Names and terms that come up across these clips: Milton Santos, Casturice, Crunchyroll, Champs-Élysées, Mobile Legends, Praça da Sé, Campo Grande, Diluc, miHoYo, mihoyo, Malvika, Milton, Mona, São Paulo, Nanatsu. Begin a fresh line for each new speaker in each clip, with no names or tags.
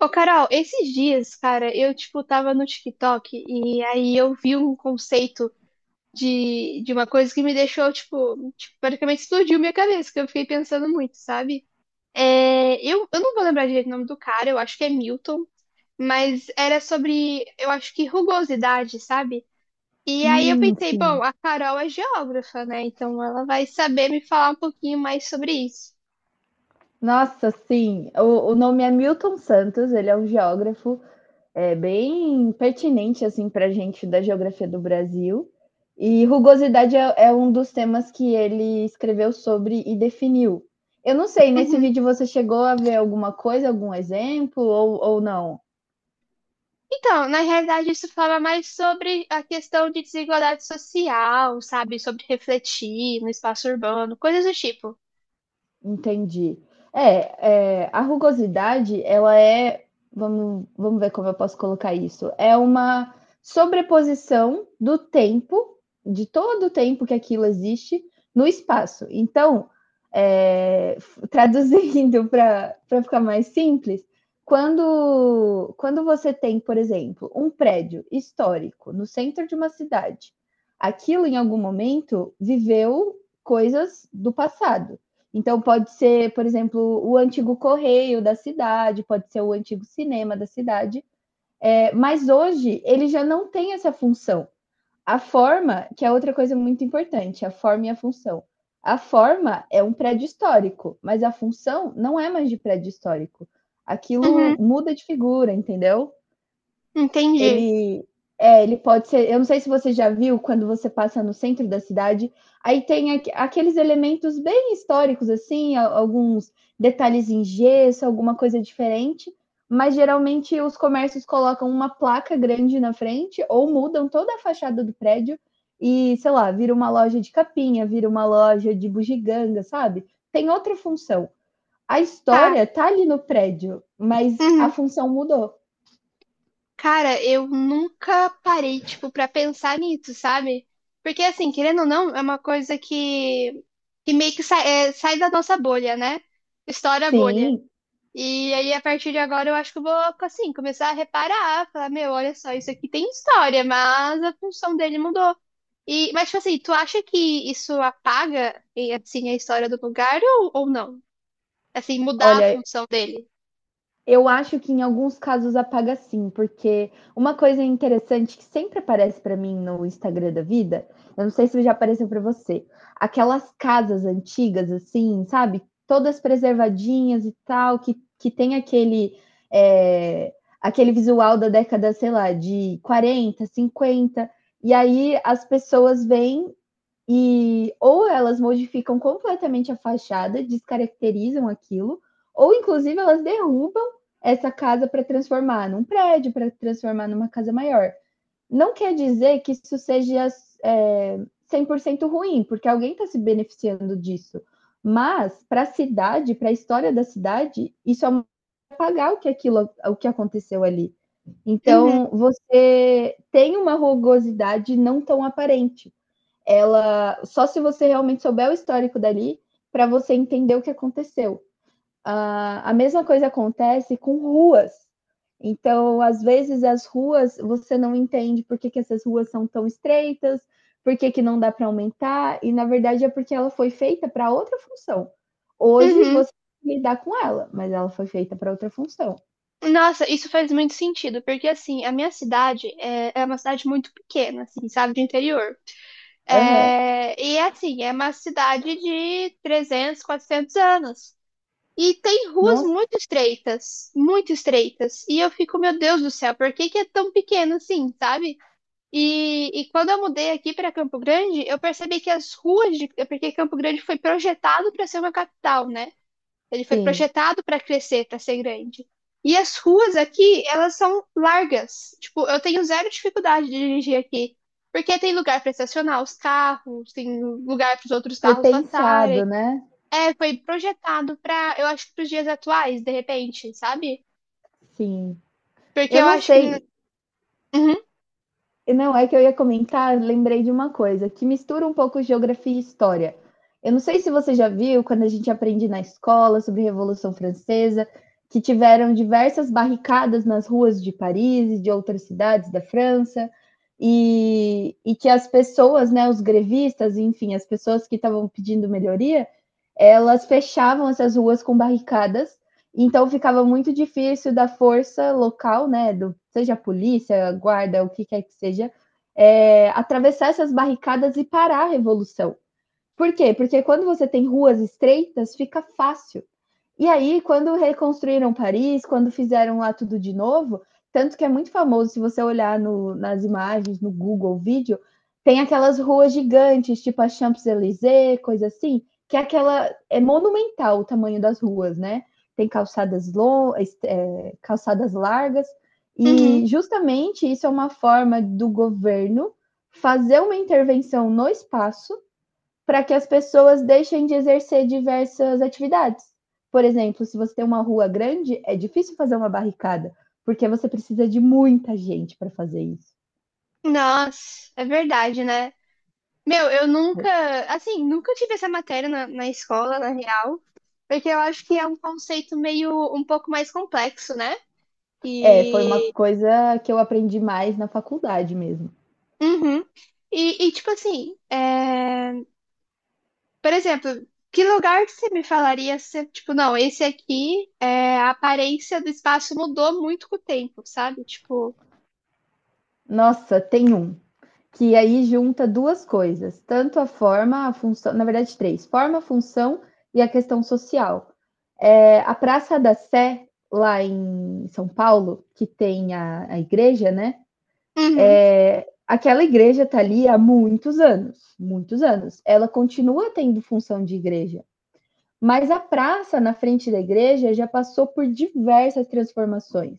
Ô, Carol, esses dias, cara, eu, tipo, tava no TikTok e aí eu vi um conceito de uma coisa que me deixou, tipo, praticamente explodiu minha cabeça, que eu fiquei pensando muito, sabe? Eu não vou lembrar direito o nome do cara, eu acho que é Milton, mas era sobre, eu acho que rugosidade, sabe? E aí eu
Hum,
pensei,
sim.
bom, a Carol é geógrafa, né? Então ela vai saber me falar um pouquinho mais sobre isso.
Nossa, sim. O nome é Milton Santos, ele é um geógrafo, é bem pertinente assim para a gente da geografia do Brasil. E rugosidade é um dos temas que ele escreveu sobre e definiu. Eu não sei, nesse vídeo você chegou a ver alguma coisa, algum exemplo ou não?
Então, na realidade, isso fala mais sobre a questão de desigualdade social, sabe? Sobre refletir no espaço urbano, coisas do tipo.
Entendi. É, a rugosidade, ela vamos ver como eu posso colocar isso, é uma sobreposição do tempo, de todo o tempo que aquilo existe, no espaço. Então, é, traduzindo para ficar mais simples, quando você tem, por exemplo, um prédio histórico no centro de uma cidade, aquilo em algum momento viveu coisas do passado. Então, pode ser, por exemplo, o antigo correio da cidade, pode ser o antigo cinema da cidade. É, mas hoje ele já não tem essa função. A forma, que é outra coisa muito importante, a forma e a função. A forma é um prédio histórico, mas a função não é mais de prédio histórico. Aquilo
Uhum,
muda de figura, entendeu?
entendi.
Ele Ele pode ser. Eu não sei se você já viu quando você passa no centro da cidade, aí tem aqueles elementos bem históricos, assim, alguns detalhes em gesso, alguma coisa diferente, mas geralmente os comércios colocam uma placa grande na frente ou mudam toda a fachada do prédio e, sei lá, vira uma loja de capinha, vira uma loja de bugiganga, sabe? Tem outra função. A
Tá.
história tá ali no prédio, mas a
Uhum.
função mudou.
Cara, eu nunca parei, tipo, pra pensar nisso, sabe? Porque, assim, querendo ou não, é uma coisa que meio que sai, sai da nossa bolha, né? Estoura a bolha.
Sim.
E aí, a partir de agora, eu acho que eu vou, assim, começar a reparar, falar, meu, olha só, isso aqui tem história, mas a função dele mudou. E, mas, tipo assim, tu acha que isso apaga, e, assim, a história do lugar ou não? Assim, mudar a
Olha,
função dele?
eu acho que em alguns casos apaga sim, porque uma coisa interessante que sempre aparece para mim no Instagram da vida, eu não sei se já apareceu para você, aquelas casas antigas assim, sabe? Todas preservadinhas e tal, que tem é, aquele visual da década, sei lá, de 40, 50, e aí as pessoas vêm e ou elas modificam completamente a fachada, descaracterizam aquilo, ou inclusive elas derrubam essa casa para transformar num prédio, para transformar numa casa maior. Não quer dizer que isso seja é, 100% ruim, porque alguém está se beneficiando disso. Mas para a cidade, para a história da cidade, isso é uma pagar o que aquilo, o que aconteceu ali.
Uhum,
Então, você tem uma rugosidade não tão aparente, ela só se você realmente souber o histórico dali para você entender o que aconteceu. A mesma coisa acontece com ruas. Então, às vezes as ruas você não entende que essas ruas são tão estreitas, que não dá para aumentar, e na verdade é porque ela foi feita para outra função. Hoje
uhum.
você tem que lidar com ela, mas ela foi feita para outra função.
Nossa, isso faz muito sentido, porque, assim, a minha cidade é uma cidade muito pequena, assim, sabe, de interior.
Uhum.
É, e, assim, é uma cidade de 300, 400 anos. E tem ruas
Nossa,
muito estreitas, muito estreitas. E eu fico, meu Deus do céu, por que que é tão pequeno assim, sabe? E quando eu mudei aqui para Campo Grande, eu percebi que as ruas de, é porque Campo Grande foi projetado para ser uma capital, né? Ele foi
sim.
projetado para crescer, para ser grande. E as ruas aqui, elas são largas. Tipo, eu tenho zero dificuldade de dirigir aqui, porque tem lugar para estacionar os carros, tem lugar para os outros
Foi
carros
pensado,
passarem.
né?
É, foi projetado pra, eu acho, que pros dias atuais, de repente, sabe?
Sim.
Porque
Eu
eu
não
acho que.
sei,
Uhum,
Não, é que eu ia comentar, lembrei de uma coisa, que mistura um pouco geografia e história. Eu não sei se você já viu, quando a gente aprende na escola sobre a Revolução Francesa, que tiveram diversas barricadas nas ruas de Paris e de outras cidades da França, e que as pessoas, né, os grevistas, enfim, as pessoas que estavam pedindo melhoria, elas fechavam essas ruas com barricadas, então ficava muito difícil da força local, né, do, seja a polícia, guarda, o que quer que seja, atravessar essas barricadas e parar a revolução. Por quê? Porque quando você tem ruas estreitas, fica fácil. E aí, quando reconstruíram Paris, quando fizeram lá tudo de novo, tanto que é muito famoso, se você olhar nas imagens, no Google Vídeo, tem aquelas ruas gigantes, tipo a Champs-Élysées, coisa assim, que é aquela. É monumental o tamanho das ruas, né? Tem calçadas largas. E
uhum.
justamente isso é uma forma do governo fazer uma intervenção no espaço para que as pessoas deixem de exercer diversas atividades. Por exemplo, se você tem uma rua grande, é difícil fazer uma barricada, porque você precisa de muita gente para fazer isso.
Nossa, é verdade, né? Meu, eu nunca, assim, nunca tive essa matéria na escola, na real, porque eu acho que é um conceito meio, um pouco mais complexo, né?
É, foi uma
E.
coisa que eu aprendi mais na faculdade mesmo.
Uhum. Tipo assim, é, por exemplo, que lugar que você me falaria se, tipo, não, esse aqui, é, a aparência do espaço mudou muito com o tempo, sabe? Tipo.
Nossa, tem um que aí junta duas coisas, tanto a forma, a função, na verdade três, forma, função e a questão social. É, a Praça da Sé, lá em São Paulo, que tem a igreja, né?
Uhum.
É, aquela igreja está ali há muitos anos, muitos anos. Ela continua tendo função de igreja, mas a praça na frente da igreja já passou por diversas transformações.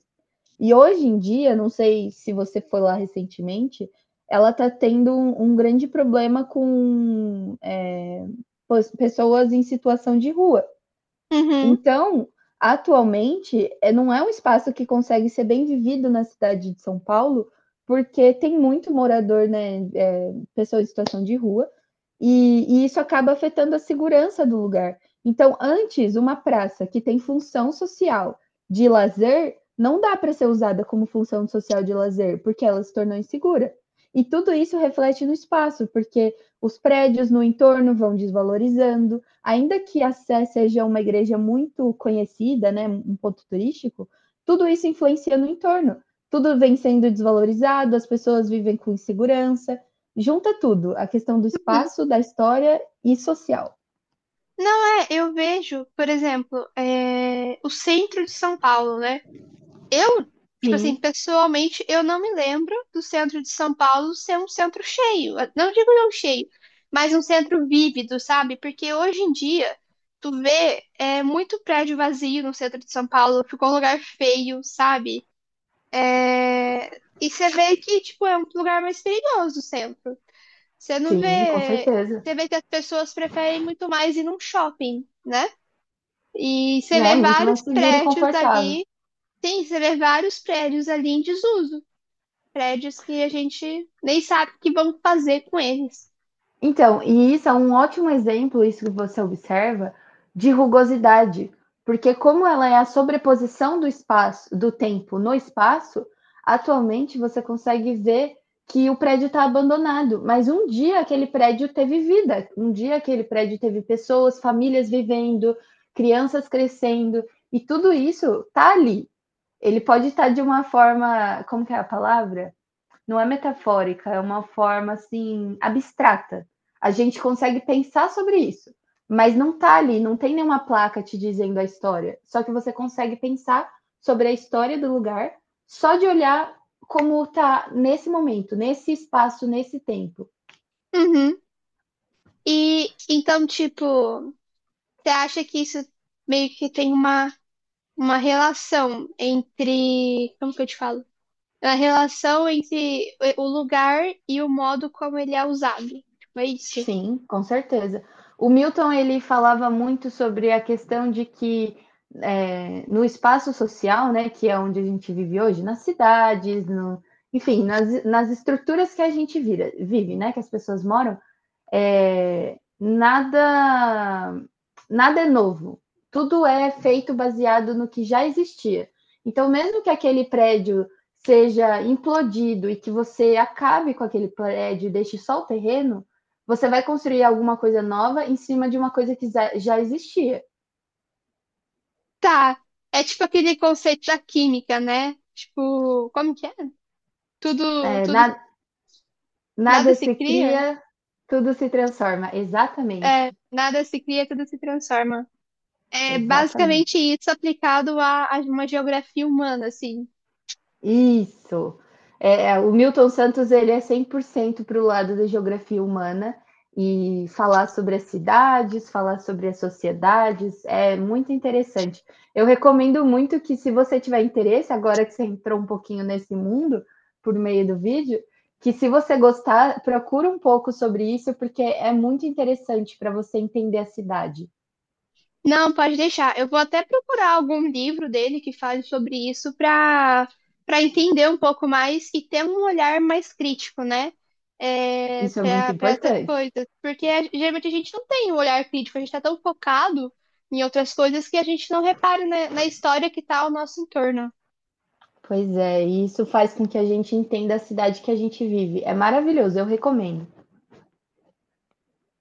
E hoje em dia, não sei se você foi lá recentemente, ela está tendo um grande problema com pessoas em situação de rua.
Uhum.
Então, atualmente, não é um espaço que consegue ser bem vivido na cidade de São Paulo, porque tem muito morador, né, pessoa em situação de rua, e isso acaba afetando a segurança do lugar. Então, antes, uma praça que tem função social de lazer, não dá para ser usada como função social de lazer, porque ela se tornou insegura. E tudo isso reflete no espaço, porque os prédios no entorno vão desvalorizando, ainda que a Sé seja uma igreja muito conhecida, né, um ponto turístico, tudo isso influencia no entorno. Tudo vem sendo desvalorizado, as pessoas vivem com insegurança, junta tudo, a questão do espaço, da história e social.
Não é, eu vejo, por exemplo, é, o centro de São Paulo, né? Eu, tipo assim,
Sim,
pessoalmente, eu não me lembro do centro de São Paulo ser um centro cheio. Não digo não cheio, mas um centro vívido, sabe? Porque hoje em dia, tu vê é, muito prédio vazio no centro de São Paulo, ficou um lugar feio, sabe? É, e você vê que, tipo, é um lugar mais perigoso o centro. Você não
sim, com
vê.
certeza.
Você vê que as pessoas preferem muito mais ir num shopping, né? E
É,
você
né?
vê
Muito mais
vários
seguro e
prédios
confortável.
ali. Sim, você vê vários prédios ali em desuso. Prédios que a gente nem sabe o que vão fazer com eles.
Então, e isso é um ótimo exemplo, isso que você observa, de rugosidade, porque como ela é a sobreposição do espaço, do tempo no espaço, atualmente você consegue ver que o prédio está abandonado, mas um dia aquele prédio teve vida, um dia aquele prédio teve pessoas, famílias vivendo, crianças crescendo, e tudo isso está ali. Ele pode estar tá de uma forma, como que é a palavra? Não é metafórica, é uma forma assim abstrata. A gente consegue pensar sobre isso, mas não tá ali, não tem nenhuma placa te dizendo a história. Só que você consegue pensar sobre a história do lugar só de olhar como tá nesse momento, nesse espaço, nesse tempo.
Uhum. E então, tipo, você acha que isso meio que tem uma relação entre. Como que eu te falo? Uma relação entre o lugar e o modo como ele é usado. Tipo, é isso?
Sim, com certeza. O Milton ele falava muito sobre a questão de que no espaço social, né, que é onde a gente vive hoje, nas cidades, no, enfim, nas estruturas que a gente vive, né, que as pessoas moram, é, nada, nada é novo. Tudo é feito baseado no que já existia. Então, mesmo que aquele prédio seja implodido e que você acabe com aquele prédio e deixe só o terreno, você vai construir alguma coisa nova em cima de uma coisa que já existia.
Tá. É tipo aquele conceito da química, né? Tipo, como que é? Tudo,
É,
tudo
nada,
nada
nada
se
se
cria?
cria, tudo se transforma. Exatamente.
É, nada se cria, tudo se transforma. É
Exatamente.
basicamente isso aplicado a uma geografia humana, assim.
Isso. O Milton Santos ele é 100% para o lado da geografia humana e falar sobre as cidades, falar sobre as sociedades, é muito interessante. Eu recomendo muito que se você tiver interesse, agora que você entrou um pouquinho nesse mundo por meio do vídeo, que se você gostar, procura um pouco sobre isso, porque é muito interessante para você entender a cidade.
Não, pode deixar. Eu vou até procurar algum livro dele que fale sobre isso para para entender um pouco mais e ter um olhar mais crítico, né? É,
Isso é muito
para para essas
importante.
coisas. Porque a- geralmente a gente não tem um olhar crítico, a gente está tão focado em outras coisas que a gente não repara na história que está ao nosso entorno.
Pois é, e isso faz com que a gente entenda a cidade que a gente vive. É maravilhoso, eu recomendo.